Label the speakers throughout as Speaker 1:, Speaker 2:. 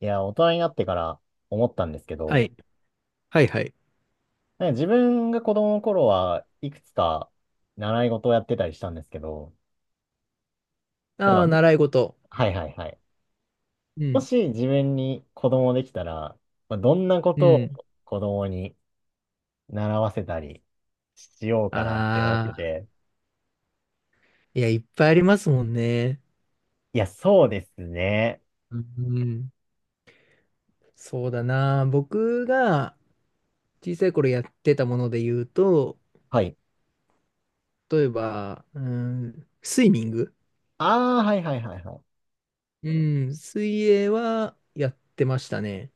Speaker 1: いや、大人になってから思ったんですけ
Speaker 2: は
Speaker 1: ど、
Speaker 2: い。はいはい。
Speaker 1: 自分が子供の頃はいくつか習い事をやってたりしたんですけど、なん
Speaker 2: あ
Speaker 1: か、
Speaker 2: あ、習い事。
Speaker 1: はいはいはい。
Speaker 2: う
Speaker 1: も
Speaker 2: ん。
Speaker 1: し自分に子供できたら、まあ、どんなこ
Speaker 2: う
Speaker 1: と
Speaker 2: ん。
Speaker 1: を子供に習わせたりしようかなって思っ
Speaker 2: あ
Speaker 1: て
Speaker 2: あ、
Speaker 1: て。
Speaker 2: いや、いっぱいありますもんね。
Speaker 1: いや、そうですね。
Speaker 2: うん。そうだな。僕が小さい頃やってたもので言うと、
Speaker 1: はい。
Speaker 2: 例えば、うん、スイミング。
Speaker 1: ああ、はいはいはいはい。
Speaker 2: うん、水泳はやってましたね。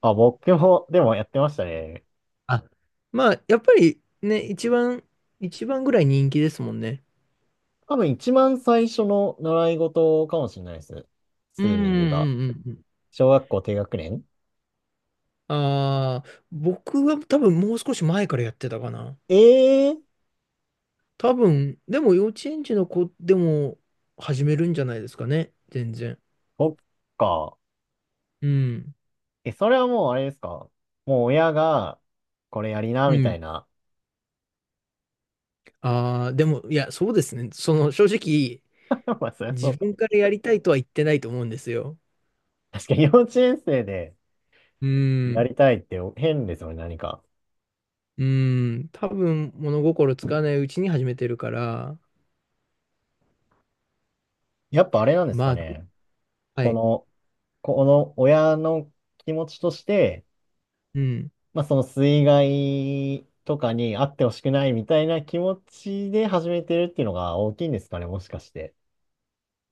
Speaker 1: あ、僕も、でもやってましたね。
Speaker 2: あ、まあ、やっぱりね、一番、一番ぐらい人気ですもんね。
Speaker 1: 多分一番最初の習い事かもしれないです。
Speaker 2: うん
Speaker 1: ス
Speaker 2: う
Speaker 1: イミングが。
Speaker 2: んうんうん。
Speaker 1: 小学校低学年。
Speaker 2: ああ、僕は多分もう少し前からやってたかな。
Speaker 1: ええー、
Speaker 2: 多分、でも幼稚園児の子でも始めるんじゃないですかね。全然。
Speaker 1: そっか。
Speaker 2: うん。
Speaker 1: え、それはもうあれですか。もう親が、これやりな、
Speaker 2: う
Speaker 1: みた
Speaker 2: ん。
Speaker 1: いな。
Speaker 2: ああ、でも、いや、そうですね。その、正直、
Speaker 1: まあ、そりゃそう
Speaker 2: 自
Speaker 1: か。
Speaker 2: 分からやりたいとは言ってないと思うんですよ。
Speaker 1: 確かに幼稚園生で
Speaker 2: う
Speaker 1: や
Speaker 2: ん。
Speaker 1: りたいって変ですよね、何か。
Speaker 2: うん。多分、物心つかないうちに始めてるから、
Speaker 1: やっぱあれなんです
Speaker 2: ま
Speaker 1: か
Speaker 2: あ、
Speaker 1: ね。
Speaker 2: は
Speaker 1: こ
Speaker 2: い。
Speaker 1: の、この親の気持ちとして、
Speaker 2: うん。
Speaker 1: まあ、その水害とかにあってほしくないみたいな気持ちで始めてるっていうのが大きいんですかね、もしかして。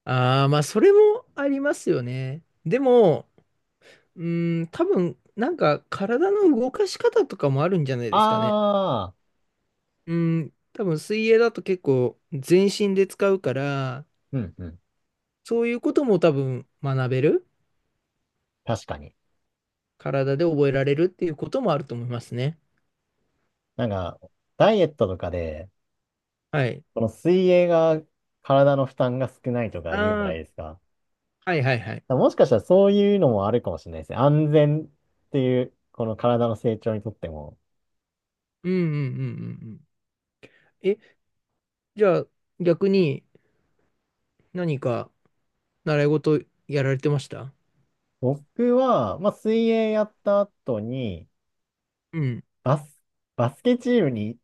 Speaker 2: ああ、まあ、それもありますよね。でも、うん、多分、なんか、体の動かし方とかもあるんじゃないですかね。
Speaker 1: ああ、
Speaker 2: うん、多分水泳だと結構全身で使うから、
Speaker 1: うんうん。
Speaker 2: そういうことも多分学べる、
Speaker 1: 確かに。
Speaker 2: 体で覚えられるっていうこともあると思いますね。
Speaker 1: なんか、ダイエットとかで、
Speaker 2: はい。
Speaker 1: この水泳が体の負担が少ないとか言うじゃ
Speaker 2: あ
Speaker 1: ないで
Speaker 2: あ、
Speaker 1: すか。だか
Speaker 2: はいはいはい。
Speaker 1: らもしかしたらそういうのもあるかもしれないですね。安全っていう、この体の成長にとっても。
Speaker 2: うんうんうんうんうん。え、じゃあ逆に何か習い事やられてました
Speaker 1: 僕は、まあ、水泳やった後に、
Speaker 2: うん。
Speaker 1: バス、バスケチームに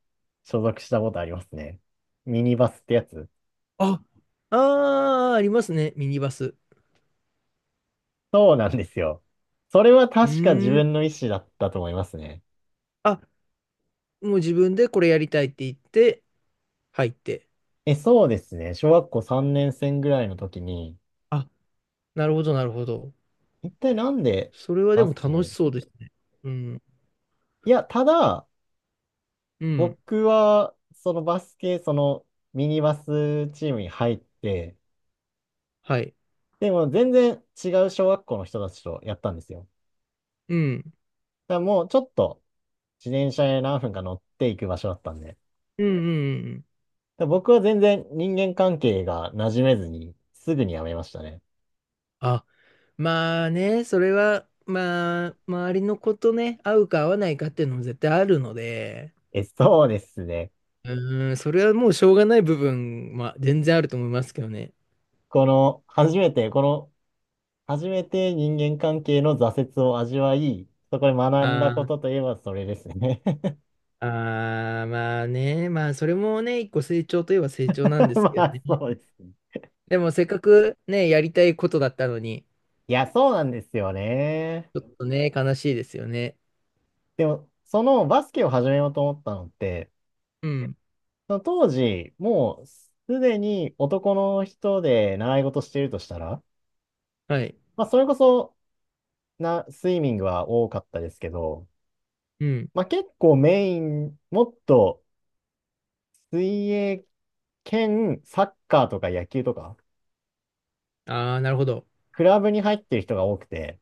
Speaker 1: 所属したことありますね。ミニバスってやつ。
Speaker 2: あ、ああ、ありますね、ミニバス。
Speaker 1: そうなんですよ。それは
Speaker 2: う
Speaker 1: 確か自
Speaker 2: ーん。
Speaker 1: 分の意思だったと思いますね。
Speaker 2: あ、もう自分でこれやりたいって言って入って。
Speaker 1: え、そうですね。小学校3年生ぐらいの時に、
Speaker 2: あ、なるほどなるほど。
Speaker 1: 一体なんで
Speaker 2: それはで
Speaker 1: バ
Speaker 2: も
Speaker 1: ス
Speaker 2: 楽
Speaker 1: ケ。
Speaker 2: しそうですね。うん。
Speaker 1: いや、ただ、
Speaker 2: うん。
Speaker 1: 僕は、そのバスケ、そのミニバスチームに入って、
Speaker 2: はい。
Speaker 1: でも全然違う小学校の人たちとやったんですよ。
Speaker 2: うん。
Speaker 1: だからもうちょっと自転車で何分か乗っていく場所だったんで。だか
Speaker 2: うんうんうんうん。
Speaker 1: ら僕は全然人間関係が馴染めずに、すぐに辞めましたね。
Speaker 2: あ、まあね、それは、まあ、周りの子とね、合うか合わないかっていうのも絶対あるので、
Speaker 1: え、そうですね。
Speaker 2: うーん、それはもうしょうがない部分は全然あると思いますけどね。
Speaker 1: この、初めて、この、初めて人間関係の挫折を味わい、そこで
Speaker 2: あ
Speaker 1: 学んだこと
Speaker 2: ー
Speaker 1: といえばそれですね。
Speaker 2: あー、まあね、まあそれもね、一個成長といえば成長なん です
Speaker 1: ま
Speaker 2: けどね。
Speaker 1: あ、そうですね。
Speaker 2: でもせっかくね、やりたいことだったのに、
Speaker 1: いや、そうなんですよね。
Speaker 2: ちょっとね、悲しいですよね。
Speaker 1: でも、そのバスケを始めようと思ったのって、
Speaker 2: うん。
Speaker 1: その当時、もうすでに男の人で習い事してるとしたら、
Speaker 2: はい。
Speaker 1: まあ、それこそスイミングは多かったですけど、
Speaker 2: うん。
Speaker 1: まあ、結構メイン、もっと水泳兼サッカーとか野球とか、
Speaker 2: ああ、なるほど。
Speaker 1: クラブに入ってる人が多くて、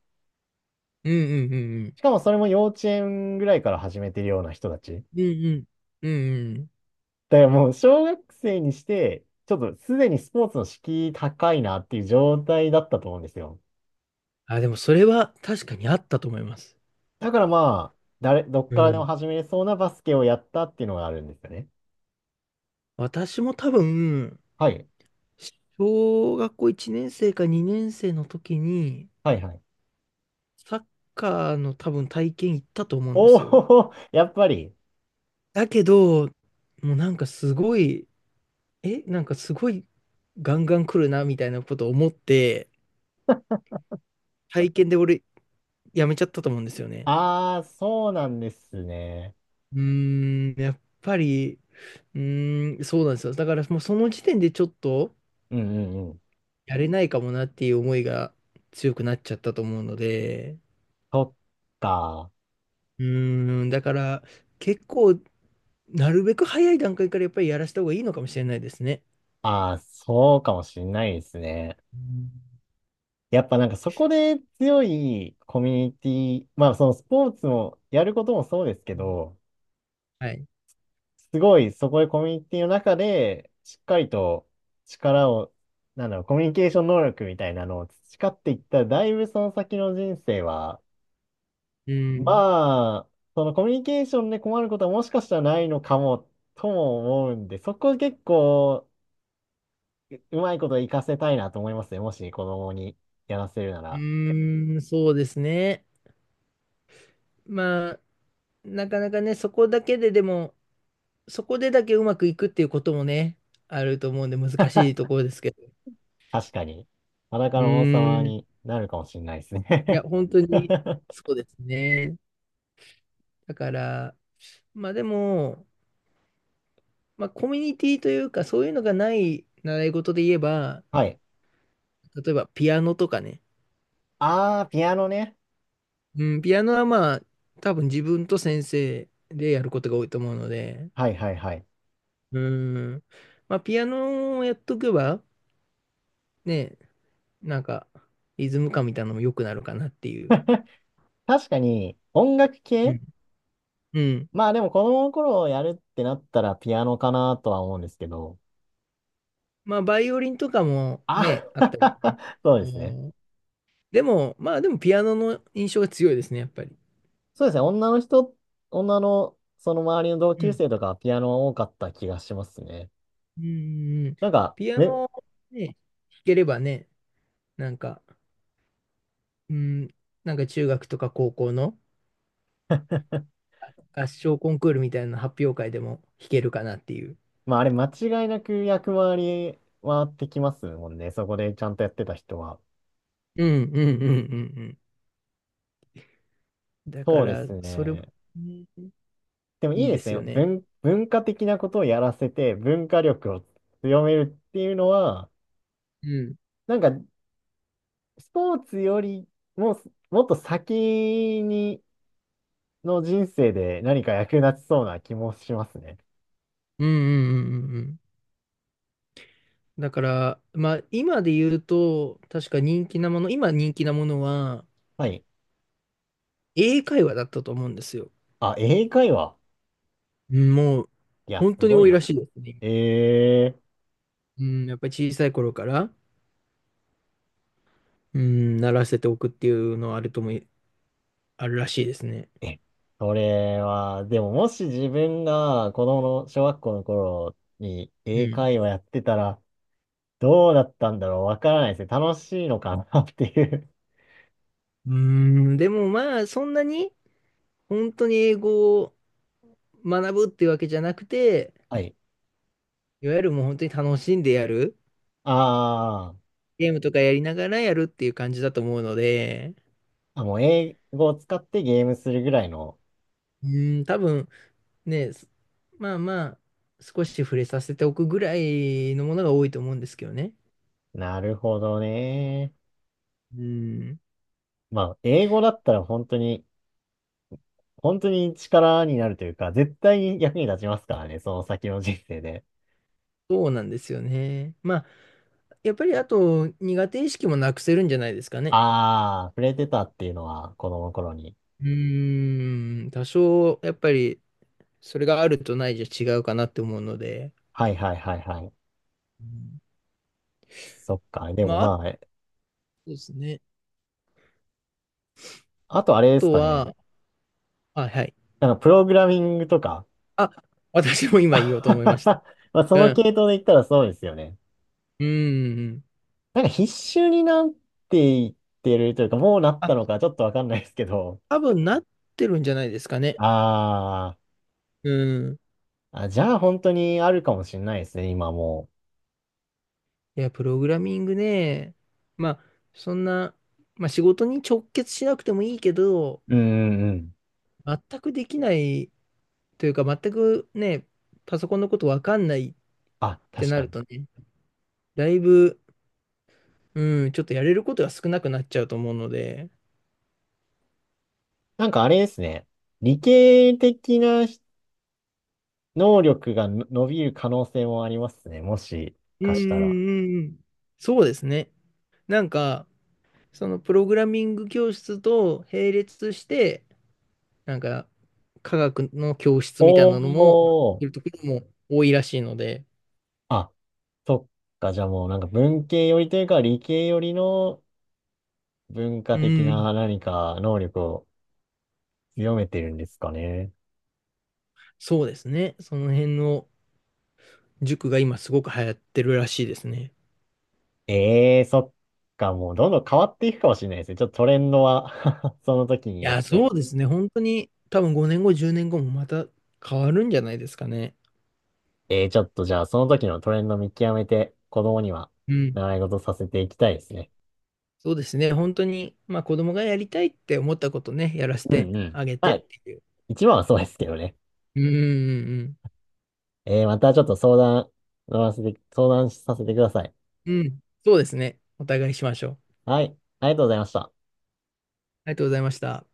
Speaker 2: うんうんうんうん。
Speaker 1: しかもそれも幼稚園ぐらいから始めてるような人たち。
Speaker 2: うんうん。うんうん。
Speaker 1: だからもう小学生にして、ちょっとすでにスポーツの敷居高いなっていう状態だったと思うんですよ。
Speaker 2: あ、でもそれは確かにあったと思います。
Speaker 1: だからまあ、どっ
Speaker 2: う
Speaker 1: からでも
Speaker 2: ん。
Speaker 1: 始めれそうなバスケをやったっていうのがあるんですよね。
Speaker 2: 私も多分、
Speaker 1: はい。
Speaker 2: 小学校1年生か2年生の時に、
Speaker 1: はいはい。
Speaker 2: サッカーの多分体験行ったと思うんで
Speaker 1: お
Speaker 2: すよ。
Speaker 1: お、やっぱり。
Speaker 2: だけど、もうなんかすごい、なんかすごいガンガン来るなみたいなことを思って、体験で俺やめちゃったと思うんですよね。
Speaker 1: ああ、そうなんですね。
Speaker 2: うーん、やっぱり、うーん、そうなんですよ。だからもうその時点でちょっと
Speaker 1: うんうんうん。
Speaker 2: やれないかもなっていう思いが強くなっちゃったと思うので、
Speaker 1: そっか。
Speaker 2: うーん、だから結構なるべく早い段階からやっぱりやらした方がいいのかもしれないですね。
Speaker 1: ああ、そうかもしんないですね。
Speaker 2: うん
Speaker 1: やっぱそこで強いコミュニティ、まあそのスポーツもやることもそうですけど、
Speaker 2: はい。
Speaker 1: すごい、そこでコミュニティの中で、しっかりと力を、なんだろう、コミュニケーション能力みたいなのを培っていったら、だいぶその先の人生は、
Speaker 2: うん。
Speaker 1: まあ、そのコミュニケーションで困ることはもしかしたらないのかも、とも思うんで、そこ結構、うまいこと活かせたいなと思いますね。もし子供にやらせるな
Speaker 2: う
Speaker 1: ら、
Speaker 2: ーん、そうですね。まあ、なかなかね、そこだけででも、そこでだけうまくいくっていうこともね、あると思うんで難しいところですけど。
Speaker 1: 確かに、裸
Speaker 2: う
Speaker 1: の王様
Speaker 2: ーん。
Speaker 1: になるかもしれないです
Speaker 2: いや、
Speaker 1: ね。
Speaker 2: 本当に そうですね。だから、まあでも、まあコミュニティというか、そういうのがない習い事で言えば、
Speaker 1: はい。
Speaker 2: 例えばピアノとかね。
Speaker 1: あー、ピアノね。
Speaker 2: うん、ピアノはまあ、多分自分と先生でやることが多いと思うので、
Speaker 1: はいはいはい。
Speaker 2: うん、まあピアノをやっとけば、ね、なんか、リズム感みたいなのも良くなるかなっていう。
Speaker 1: 確かに音楽
Speaker 2: う
Speaker 1: 系。
Speaker 2: ん。うん。
Speaker 1: まあでも子供の頃やるってなったらピアノかなとは思うんですけど。
Speaker 2: まあ、バイオリンとかも
Speaker 1: あ
Speaker 2: ね、あったり。
Speaker 1: そう
Speaker 2: う
Speaker 1: ですね。
Speaker 2: んでも、まあでもピアノの印象が強いですね、やっぱり。
Speaker 1: そうですね。女のその周りの同
Speaker 2: う
Speaker 1: 級
Speaker 2: ん。
Speaker 1: 生とかはピアノは多かった気がしますね。
Speaker 2: うん。うんうん
Speaker 1: なんか、
Speaker 2: ピア
Speaker 1: め
Speaker 2: ノね、弾ければね、なんか、うん、なんか中学とか高校の合唱コンクールみたいな発表会でも弾けるかなっていう。
Speaker 1: まああれ間違いなく役回り回ってきますもんね。そこでちゃんとやってた人は。
Speaker 2: うんうんうんうんうん。だか
Speaker 1: そうで
Speaker 2: ら、
Speaker 1: す
Speaker 2: それも
Speaker 1: ね。
Speaker 2: ね、
Speaker 1: でもい
Speaker 2: い
Speaker 1: い
Speaker 2: い
Speaker 1: で
Speaker 2: で
Speaker 1: す
Speaker 2: す
Speaker 1: ね。
Speaker 2: よね。
Speaker 1: 文化的なことをやらせて文化力を強めるっていうのは、
Speaker 2: うん。
Speaker 1: なんかスポーツよりも、もっと先にの人生で何か役立ちそうな気もしますね。
Speaker 2: うんうんうんうんうん。だから、まあ今で言うと、確か人気なもの、今人気なものは
Speaker 1: はい。
Speaker 2: 英会話だったと思うんですよ。
Speaker 1: あ、英会話。
Speaker 2: うん、もう、
Speaker 1: いや、
Speaker 2: 本
Speaker 1: す
Speaker 2: 当に
Speaker 1: ごい
Speaker 2: 多いら
Speaker 1: な。
Speaker 2: しいですね。
Speaker 1: え
Speaker 2: うん、やっぱり小さい頃から、うん、習わせておくっていうのはあるとも、あるらしいですね。
Speaker 1: え、それは、でももし自分が子供の小学校の頃に
Speaker 2: う
Speaker 1: 英
Speaker 2: ん。
Speaker 1: 会話やってたら、どうだったんだろうわからないですね。楽しいのかなっていう。
Speaker 2: うーん、でもまあ、そんなに、本当に英語を学ぶっていうわけじゃなくて、
Speaker 1: はい。
Speaker 2: いわゆるもう本当に楽しんでやる、
Speaker 1: あー
Speaker 2: ゲームとかやりながらやるっていう感じだと思うので、
Speaker 1: あ、もう英語を使ってゲームするぐらいの。
Speaker 2: うーん、多分ね、すまあまあ、少し触れさせておくぐらいのものが多いと思うんですけどね。
Speaker 1: なるほどね。
Speaker 2: うーん、
Speaker 1: まあ、英語だったら本当に、本当に力になるというか、絶対に役に立ちますからね、その先の人生で。
Speaker 2: そうなんですよね。まあやっぱりあと苦手意識もなくせるんじゃないですかね。
Speaker 1: ああ、触れてたっていうのは子供の頃に。
Speaker 2: うーん、多少やっぱりそれがあるとないじゃ違うかなって思うので。
Speaker 1: はいはいはいはい。
Speaker 2: うん
Speaker 1: そっか。で
Speaker 2: ま
Speaker 1: も
Speaker 2: あ、あと
Speaker 1: ま
Speaker 2: ですね。
Speaker 1: あ、あとあ
Speaker 2: あ
Speaker 1: れです
Speaker 2: と
Speaker 1: かね。
Speaker 2: は、あ、はい。
Speaker 1: プログラミングとか。
Speaker 2: あ、私も今 言おうと思いました。
Speaker 1: まあ、そ
Speaker 2: う
Speaker 1: の系
Speaker 2: ん。
Speaker 1: 統で言ったらそうですよね。
Speaker 2: うん。
Speaker 1: 必修になっていってるというか、もうなっ
Speaker 2: あ、
Speaker 1: たのかちょっとわかんないですけど。
Speaker 2: 多分なってるんじゃないですかね。
Speaker 1: あ
Speaker 2: うん。
Speaker 1: ーあ、じゃあ本当にあるかもしれないですね、今も
Speaker 2: いや、プログラミングね。まあ、そんな、まあ仕事に直結しなくてもいいけど、
Speaker 1: う。うんうんうん。
Speaker 2: 全くできないというか、全くね、パソコンのことわかんないっ
Speaker 1: あ、
Speaker 2: て
Speaker 1: 確
Speaker 2: な
Speaker 1: か
Speaker 2: る
Speaker 1: に。
Speaker 2: とね、だいぶ、うん、ちょっとやれることが少なくなっちゃうと思うので、
Speaker 1: あれですね。理系的な能力の伸びる可能性もありますね。もし
Speaker 2: う
Speaker 1: か
Speaker 2: んう
Speaker 1: したら。
Speaker 2: んうんうん。そうですね。なんか、そのプログラミング教室と並列して、なんか、科学の教室みたいなのも、
Speaker 1: お
Speaker 2: いる
Speaker 1: ー。
Speaker 2: ところも多いらしいので、
Speaker 1: あ、そっか。じゃあもう文系寄りというか理系寄りの文化
Speaker 2: う
Speaker 1: 的
Speaker 2: ん、
Speaker 1: な何か能力を強めてるんですかね。
Speaker 2: そうですね。その辺の塾が今すごく流行ってるらしいですね。
Speaker 1: ええー、そっか。もうどんどん変わっていくかもしれないですね。ちょっとトレンドは その時に
Speaker 2: い
Speaker 1: よっ
Speaker 2: や、
Speaker 1: て。
Speaker 2: そうですね。本当に、多分5年後、10年後もまた変わるんじゃないですかね。
Speaker 1: ええー、ちょっとじゃあその時のトレンド見極めて子供には
Speaker 2: うん。
Speaker 1: 習い事させていきたいですね。
Speaker 2: そうですね。本当に、まあ子供がやりたいって思ったことね、やらせ
Speaker 1: う
Speaker 2: て
Speaker 1: んうん。
Speaker 2: あげて
Speaker 1: まあ、
Speaker 2: っていう。
Speaker 1: 一番はそうですけどね。
Speaker 2: うんうん
Speaker 1: またちょっと相談させてください。
Speaker 2: うんうん。うん。そうですね。お互いしましょう。
Speaker 1: はい。ありがとうございました。
Speaker 2: ありがとうございました。